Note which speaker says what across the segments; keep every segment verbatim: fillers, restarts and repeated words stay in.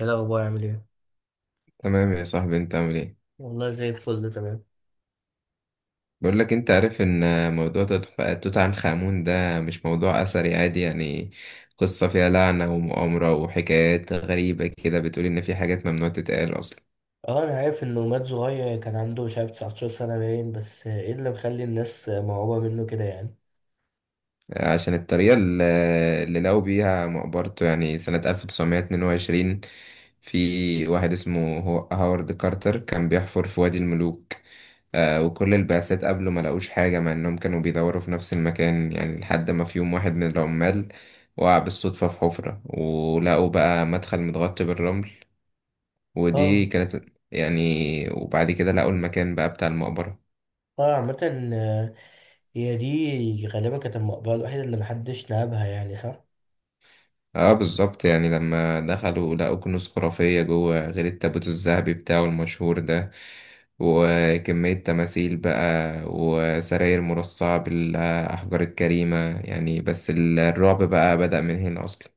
Speaker 1: ايه الاخبار، عامل ايه؟
Speaker 2: تمام يا صاحبي، انت عامل ايه؟
Speaker 1: والله زي الفل، تمام.
Speaker 2: بقول لك، انت عارف ان موضوع توت توت عنخ آمون ده مش موضوع اثري عادي يعني. قصة فيها لعنة ومؤامرة وحكايات غريبة كده، بتقول ان في حاجات ممنوع تتقال اصلا
Speaker 1: اه، انا عارف انه مات صغير، كان عنده مش عارف تسعة عشر سنة سنه باين، بس ايه اللي مخلي الناس مرعوبه منه كده يعني؟
Speaker 2: عشان الطريقة ال- اللي لقوا بيها مقبرته يعني سنة ألف وتسعمية اتنين وعشرين. في واحد اسمه هو- هاورد كارتر كان بيحفر في وادي الملوك. آه، وكل البعثات قبله ما لقوش حاجة مع إنهم كانوا بيدوروا في نفس المكان يعني، لحد ما في يوم واحد من العمال وقع بالصدفة في حفرة ولقوا بقى مدخل متغطي بالرمل. ودي
Speaker 1: اه.
Speaker 2: كانت يعني، وبعد كده لقوا المكان بقى بتاع المقبرة.
Speaker 1: اه، عامه. آه. هي دي غالبا كانت المقبره الوحيده اللي محدش نابها يعني، صح؟
Speaker 2: اه بالظبط، يعني لما دخلوا لقوا كنوز خرافية جوه غير التابوت الذهبي بتاعه المشهور ده، وكمية تماثيل بقى وسراير مرصعة بالأحجار الكريمة يعني. بس الرعب بقى بدأ من هنا أصلا.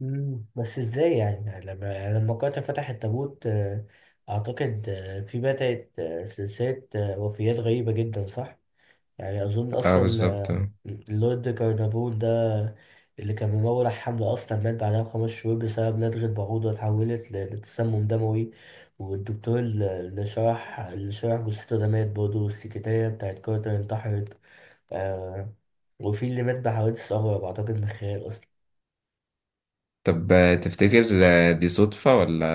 Speaker 1: مم. بس ازاي يعني يعني لما لما قاتل فتح التابوت، آه، اعتقد آه، في بدات آه، سلسله آه، وفيات غريبه جدا، صح؟ يعني أظن
Speaker 2: اه
Speaker 1: أصلا
Speaker 2: بالظبط.
Speaker 1: آه، اللورد كارنافون ده اللي كان ممول على الحملة، أصلا مات بعدها بخمس شهور بسبب لدغة بعوضة اتحولت ل- لتسمم دموي. والدكتور ال- اللي شرح اللي شرح جثته ده مات برضه، والسكرتيرة بتاعت كارتر انتحرت. آه. وفي اللي مات بحوادث أغرب أعتقد من الخيال أصلا.
Speaker 2: طب تفتكر دي صدفة ولا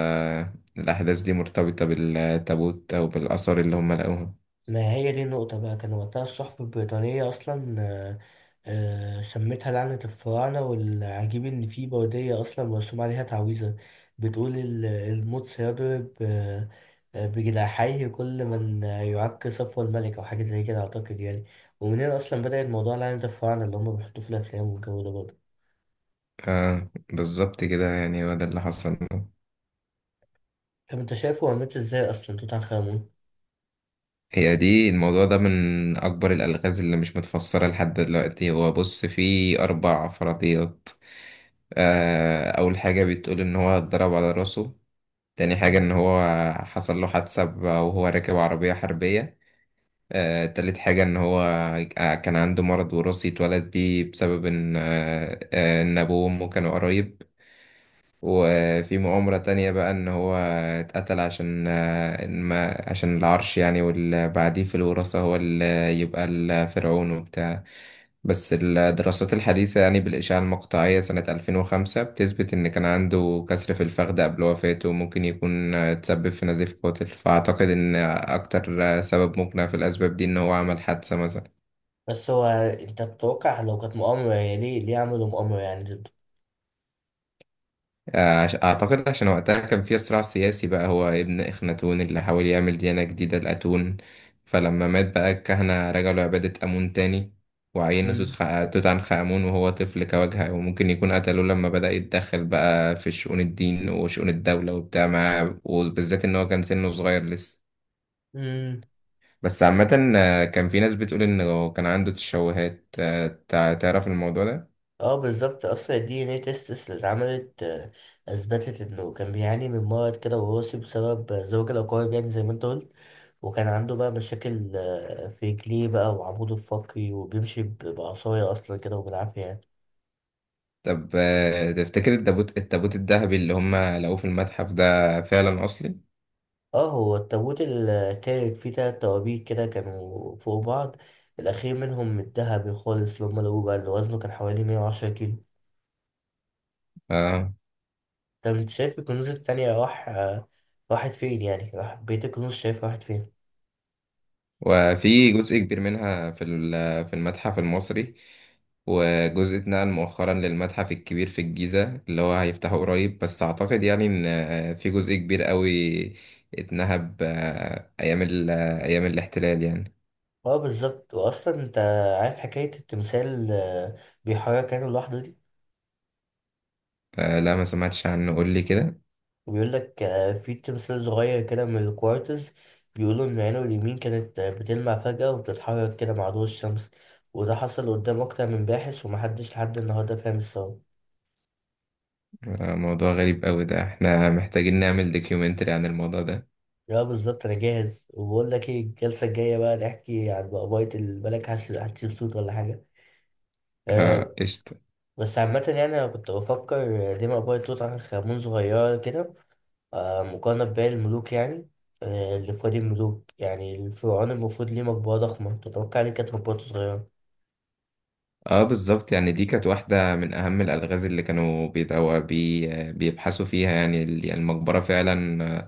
Speaker 2: الأحداث دي مرتبطة بالتابوت أو بالآثار اللي هم لقوها؟
Speaker 1: ما هي دي النقطة بقى، كان وقتها الصحف البريطانية أصلا آه، آه، سمتها لعنة الفراعنة، والعجيب إن في بودية أصلا مرسوم عليها تعويذة بتقول ال- الموت سيضرب آه، آه، بجناحيه كل من يعك صفو الملك أو حاجة زي كده أعتقد يعني. ومن هنا أصلا بدأت موضوع لعنة الفراعنة اللي هما بيحطوه في الأفلام والجو ده برضه.
Speaker 2: اه بالظبط كده، يعني هو ده اللي حصل.
Speaker 1: طب أنت شايفه هو مات إزاي أصلا توت عنخ آمون؟
Speaker 2: هي دي، الموضوع ده من أكبر الألغاز اللي مش متفسرة لحد دلوقتي. هو بص، فيه أربع فرضيات. آه، أول حاجة بتقول إن هو اتضرب على راسه. تاني حاجة
Speaker 1: مم.
Speaker 2: إن هو حصل له حادثة ب- وهو راكب عربية حربية. آه، تالت حاجة إن هو آه، كان عنده مرض وراثي اتولد بيه بسبب إن آه، آه، إن أبوه وأمه كانوا قرايب. وفي مؤامرة تانية بقى إن هو اتقتل عشان آه، إن ما عشان العرش يعني، واللي بعديه في الوراثة هو اللي يبقى الفرعون وبتاع. بس الدراسات الحديثة يعني، بالإشعة المقطعية سنة ألفين وخمسة، بتثبت إن كان عنده كسر في الفخذ قبل وفاته وممكن يكون آه، تسبب في نزيف قاتل. فأعتقد إن أكتر آه، سبب مقنع في الأسباب دي إن هو عمل حادثة مثلا.
Speaker 1: بس هو أنت بتتوقع لو كانت مؤامرة، يعني ليه ليه عملوا مؤامرة يعني ضده؟
Speaker 2: آه، عش- أعتقد عشان وقتها كان في صراع سياسي بقى. هو ابن إخناتون اللي حاول يعمل ديانة جديدة لأتون، فلما مات بقى الكهنة رجعوا لعبادة أمون تاني، وعينوا توت
Speaker 1: مم.
Speaker 2: خ- توت عنخ آمون وهو طفل كواجهة. وممكن يكون قتلوه لما بدأ يتدخل بقى في شؤون الدين وشؤون الدولة وبتاع معاه، وبالذات إن هو كان سنه صغير لسه.
Speaker 1: مم.
Speaker 2: بس عامة آه، كان في ناس بتقول إنه كان عنده تشوهات. آه، تع- تعرف الموضوع ده؟
Speaker 1: اه بالظبط، اصلا الدي ان اي تيست اللي اتعملت آه، اثبتت انه كان بيعاني من مرض كده وراثي بسبب زواج الاقارب، يعني زي ما انت قلت. وكان عنده بقى مشاكل آه، في رجليه بقى وعموده الفقري، وبيمشي ب- بعصايه اصلا كده وبالعافيه يعني.
Speaker 2: طب آه، تفتكر التابوت التابوت الذهبي اللي هم لقوه في المتحف ده فعلا أصلي؟
Speaker 1: اه، هو التابوت التالت فيه تلات توابيت كده كانوا فوق بعض. الاخير منهم الذهبي خالص اللي هم لقوه بقى، اللي وزنه كان حوالي 110 كيلو.
Speaker 2: آه.
Speaker 1: طب انت شايف الكنوز التانية راح آه، راحت فين؟ يعني راح بيت الكنوز، شايف راحت فين؟
Speaker 2: وفي جزء كبير منها في ال- في المتحف المصري، وجزء اتنقل مؤخرا للمتحف الكبير في الجيزة اللي هو هيفتحه قريب. بس أعتقد يعني إن آه، في جزء كبير قوي اتنهب آه، أيام ال- آه، أيام الاحتلال يعني.
Speaker 1: اه بالظبط، واصلا انت عارف حكايه التمثال آه، بيحرك عينه لوحده دي؟
Speaker 2: آه، لا، ما سمعتش عنه، قول لي كده.
Speaker 1: وبيقول لك، آه، في تمثال صغير كده من الكوارتز، بيقولوا ان عينه اليمين كانت آه، بتلمع فجاه وبتتحرك كده مع ضوء الشمس. وده حصل قدام اكتر من باحث، ومحدش لحد النهارده فاهم السبب.
Speaker 2: آه، موضوع غريب قوي ده، احنا محتاجين نعمل دوكيومنتري عن الموضوع ده.
Speaker 1: اه بالظبط، انا جاهز، وبقول لك ايه، الجلسه الجايه بقى نحكي عن بقبايه البلك هتش- هتشيل صوت ولا حاجه؟
Speaker 2: آه،
Speaker 1: أه.
Speaker 2: قشطة.
Speaker 1: بس عامة يعني أنا كنت بفكر، آه، ليه مقبرة توت عنخ آمون صغيرة كده، آه، مقارنة بباقي الملوك يعني، آه، اللي في وادي الملوك؟ يعني الفرعون المفروض ليه مقبرة ضخمة، تتوقع ليه كانت مقبرته صغيرة؟
Speaker 2: اه بالظبط، يعني دي كانت واحدة من أهم الألغاز اللي كانوا بيدعوا بي، بيبحثوا فيها يعني. ال- يعني المقبرة فعلا آه،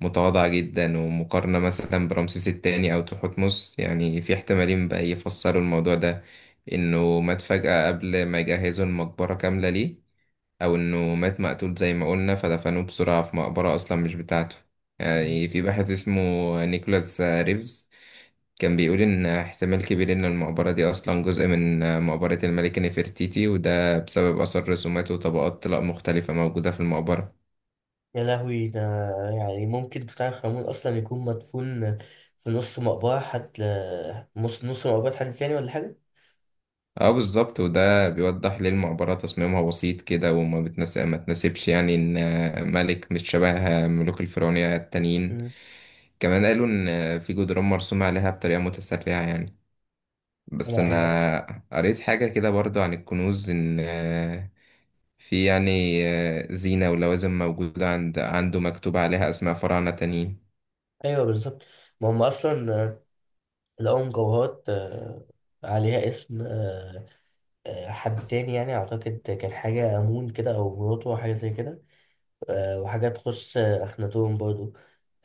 Speaker 2: متواضعة جدا، ومقارنة مثلا برمسيس التاني أو تحتمس، يعني في احتمالين بقى يفسروا الموضوع ده: إنه مات فجأة قبل ما يجهزوا المقبرة كاملة ليه، او انه مات مقتول زي ما قلنا فدفنوه بسرعة في مقبرة اصلا مش بتاعته.
Speaker 1: مم.
Speaker 2: يعني في باحث اسمه نيكولاس ريفز كان بيقول ان احتمال كبير ان المقبرة دي اصلا جزء من مقبرة الملكة نفرتيتي، وده بسبب اثر رسومات وطبقات طلاء مختلفة موجودة في المقبرة.
Speaker 1: يا لهوي ده. يعني ممكن تتعرف خامون أصلا يكون مدفون في نص مقبرة حد، نص نص مقبرة حد تاني ولا حاجة؟
Speaker 2: اه بالظبط، وده بيوضح ليه المقبرة تصميمها بسيط كده وما بتناسب ما تناسبش يعني ان ملك مش شبه ملوك الفرعونية التانيين.
Speaker 1: مم.
Speaker 2: كمان قالوا ان في جدران مرسومة عليها بطريقة متسرعة يعني. بس
Speaker 1: لا.
Speaker 2: انا قريت حاجة كده برضو عن الكنوز، ان آه، في يعني آه، زينة ولوازم موجودة عند عنده مكتوب عليها اسماء فراعنة تانيين.
Speaker 1: أيوه بالظبط. ما هم أصلا آه، لقوا مجوهرات آه، عليها اسم آه، آه، حد تاني، يعني أعتقد كان حاجة أمون كده أو مراته أو حاجة زي كده. آه، وحاجات تخص آه، أخناتون برضو.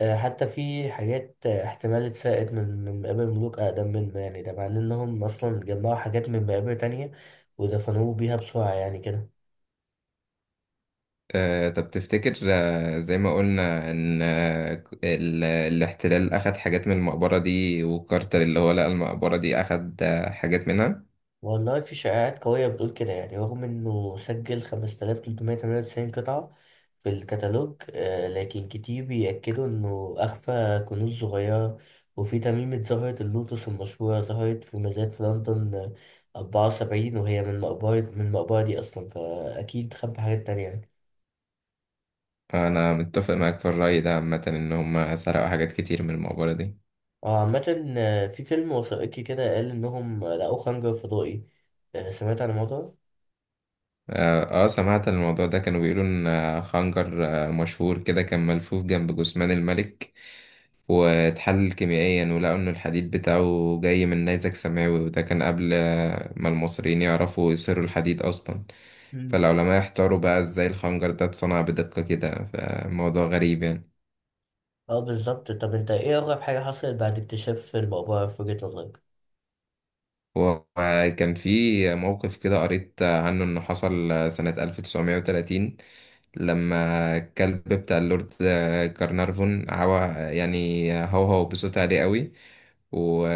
Speaker 1: آه، حتى في حاجات آه، احتمال اتسرقت من من مقابر ملوك أقدم منه، يعني ده معناه إنهم أصلا جمعوا حاجات من مقابر تانية ودفنوه بيها بسرعة يعني كده.
Speaker 2: آه، طب تفتكر آه، زي ما قلنا ان آه، ك- ال- الاحتلال اخد حاجات من المقبرة دي، وكارتر اللي هو لقى المقبرة دي اخد آه، حاجات منها؟
Speaker 1: والله في شائعات قوية بتقول كده يعني، رغم إنه سجل 5398 قطعة في الكتالوج، آه، لكن كتير بيأكدوا إنه أخفى كنوز صغيرة. وفي تميمة زهرة اللوتس المشهورة ظهرت في مزاد في لندن آه، أربعة وسبعين، وهي من مقبرة من المقبرة دي أصلا، فأكيد خبى حاجات تانية يعني.
Speaker 2: انا متفق معاك في الرأي ده، عامة ان هم سرقوا حاجات كتير من المقبرة دي.
Speaker 1: آه، عامة آه، في فيلم وثائقي كده قال إنهم لقوا خنجر فضائي، آه، سمعت عن الموضوع ده؟
Speaker 2: اه آه، سمعت عن الموضوع ده. كانوا بيقولوا ان آه، خنجر آه، مشهور كده كان ملفوف جنب جثمان الملك، واتحلل كيميائيا ولقوا ان الحديد بتاعه جاي من نيزك سماوي. وده كان قبل آه، ما المصريين يعرفوا يصيروا الحديد اصلا، فالعلماء احتاروا بقى ازاي الخنجر ده اتصنع بدقة كده، فموضوع غريب يعني.
Speaker 1: اه بالظبط، طب انت ايه اغرب حاجة حصلت بعد اكتشاف المقبرة في وجهة نظرك؟
Speaker 2: وكان في موقف كده قريت عنه إنه حصل سنة ألف وتسعمية وتلاتين، لما الكلب بتاع اللورد كارنارفون هوا يعني، هو هو بصوت عالي قوي، و...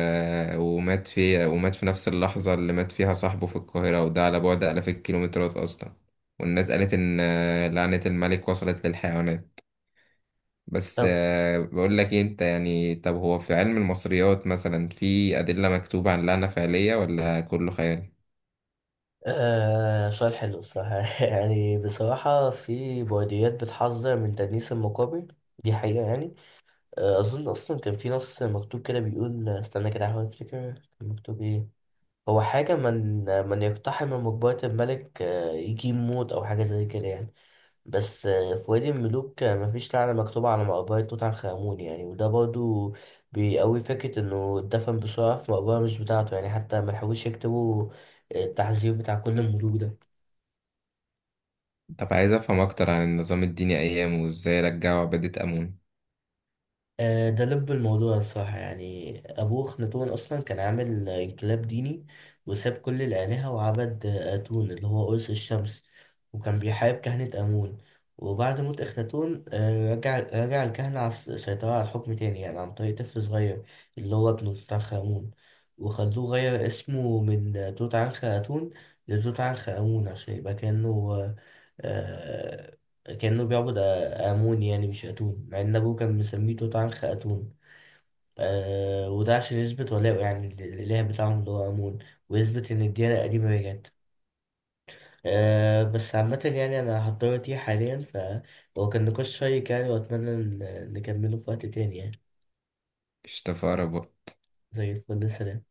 Speaker 2: ومات في ومات في نفس اللحظة اللي مات فيها صاحبه في القاهرة، وده على بعد آلاف الكيلومترات أصلا. والناس قالت إن لعنة الملك وصلت للحيوانات. بس
Speaker 1: طب.
Speaker 2: آه، بقول لك إيه، انت يعني طب، هو في علم المصريات مثلا في أدلة مكتوبة عن لعنة فعلية ولا كله خيال؟
Speaker 1: آه سؤال حلو بصراحة يعني بصراحة في بلديات بتحذر من تدنيس المقابر، دي حقيقة يعني. آه أظن أصلا كان في نص مكتوب كده بيقول، استنى كده أحاول أفتكر كان مكتوب إيه. هو حاجة من من يقتحم مقبرة الملك آه يجيب موت أو حاجة زي كده يعني. بس آه، في وادي الملوك آه، مفيش لعنة مكتوبة على مقبرة توت عنخ آمون يعني، وده برضو بيقوي فكرة إنه اتدفن بسرعة في مقبرة مش بتاعته، يعني حتى ملحقوش يكتبوا التحذير بتاع كل الملوك ده.
Speaker 2: طب عايز أفهم أكتر عن النظام الديني أيامه وإزاي رجعوا عبادة أمون.
Speaker 1: آه، ده لب الموضوع الصراحة، يعني أبوه أخناتون أصلا كان عامل آه، انقلاب ديني، وساب كل الآلهة وعبد آه، آتون اللي هو قرص الشمس، وكان بيحارب كهنة آمون. وبعد موت أخناتون آه، رجع رجع الكهنة على الس- السيطرة على الحكم تاني، يعني عن طريق طفل صغير اللي هو ابنه توت عنخ آمون. وخلوه غير اسمه من آه، توت عنخ آتون لتوت عنخ آمون، عشان يبقى كأنه آه، آه، كأنه بيعبد امون يعني مش اتون، مع ان ابوه كان مسميه توت عنخ اتون. آه وده عشان يثبت ولاءه، يعني لل- للاله بتاعهم اللي هو امون، ويثبت ان الديانه القديمه رجعت. آه بس عامة يعني أنا هضطر أتيه حاليا، فهو كان نقاش شيق يعني، وأتمنى إن- نكمله في وقت تاني يعني.
Speaker 2: اشتفى بقى.
Speaker 1: زي الفل، سلام.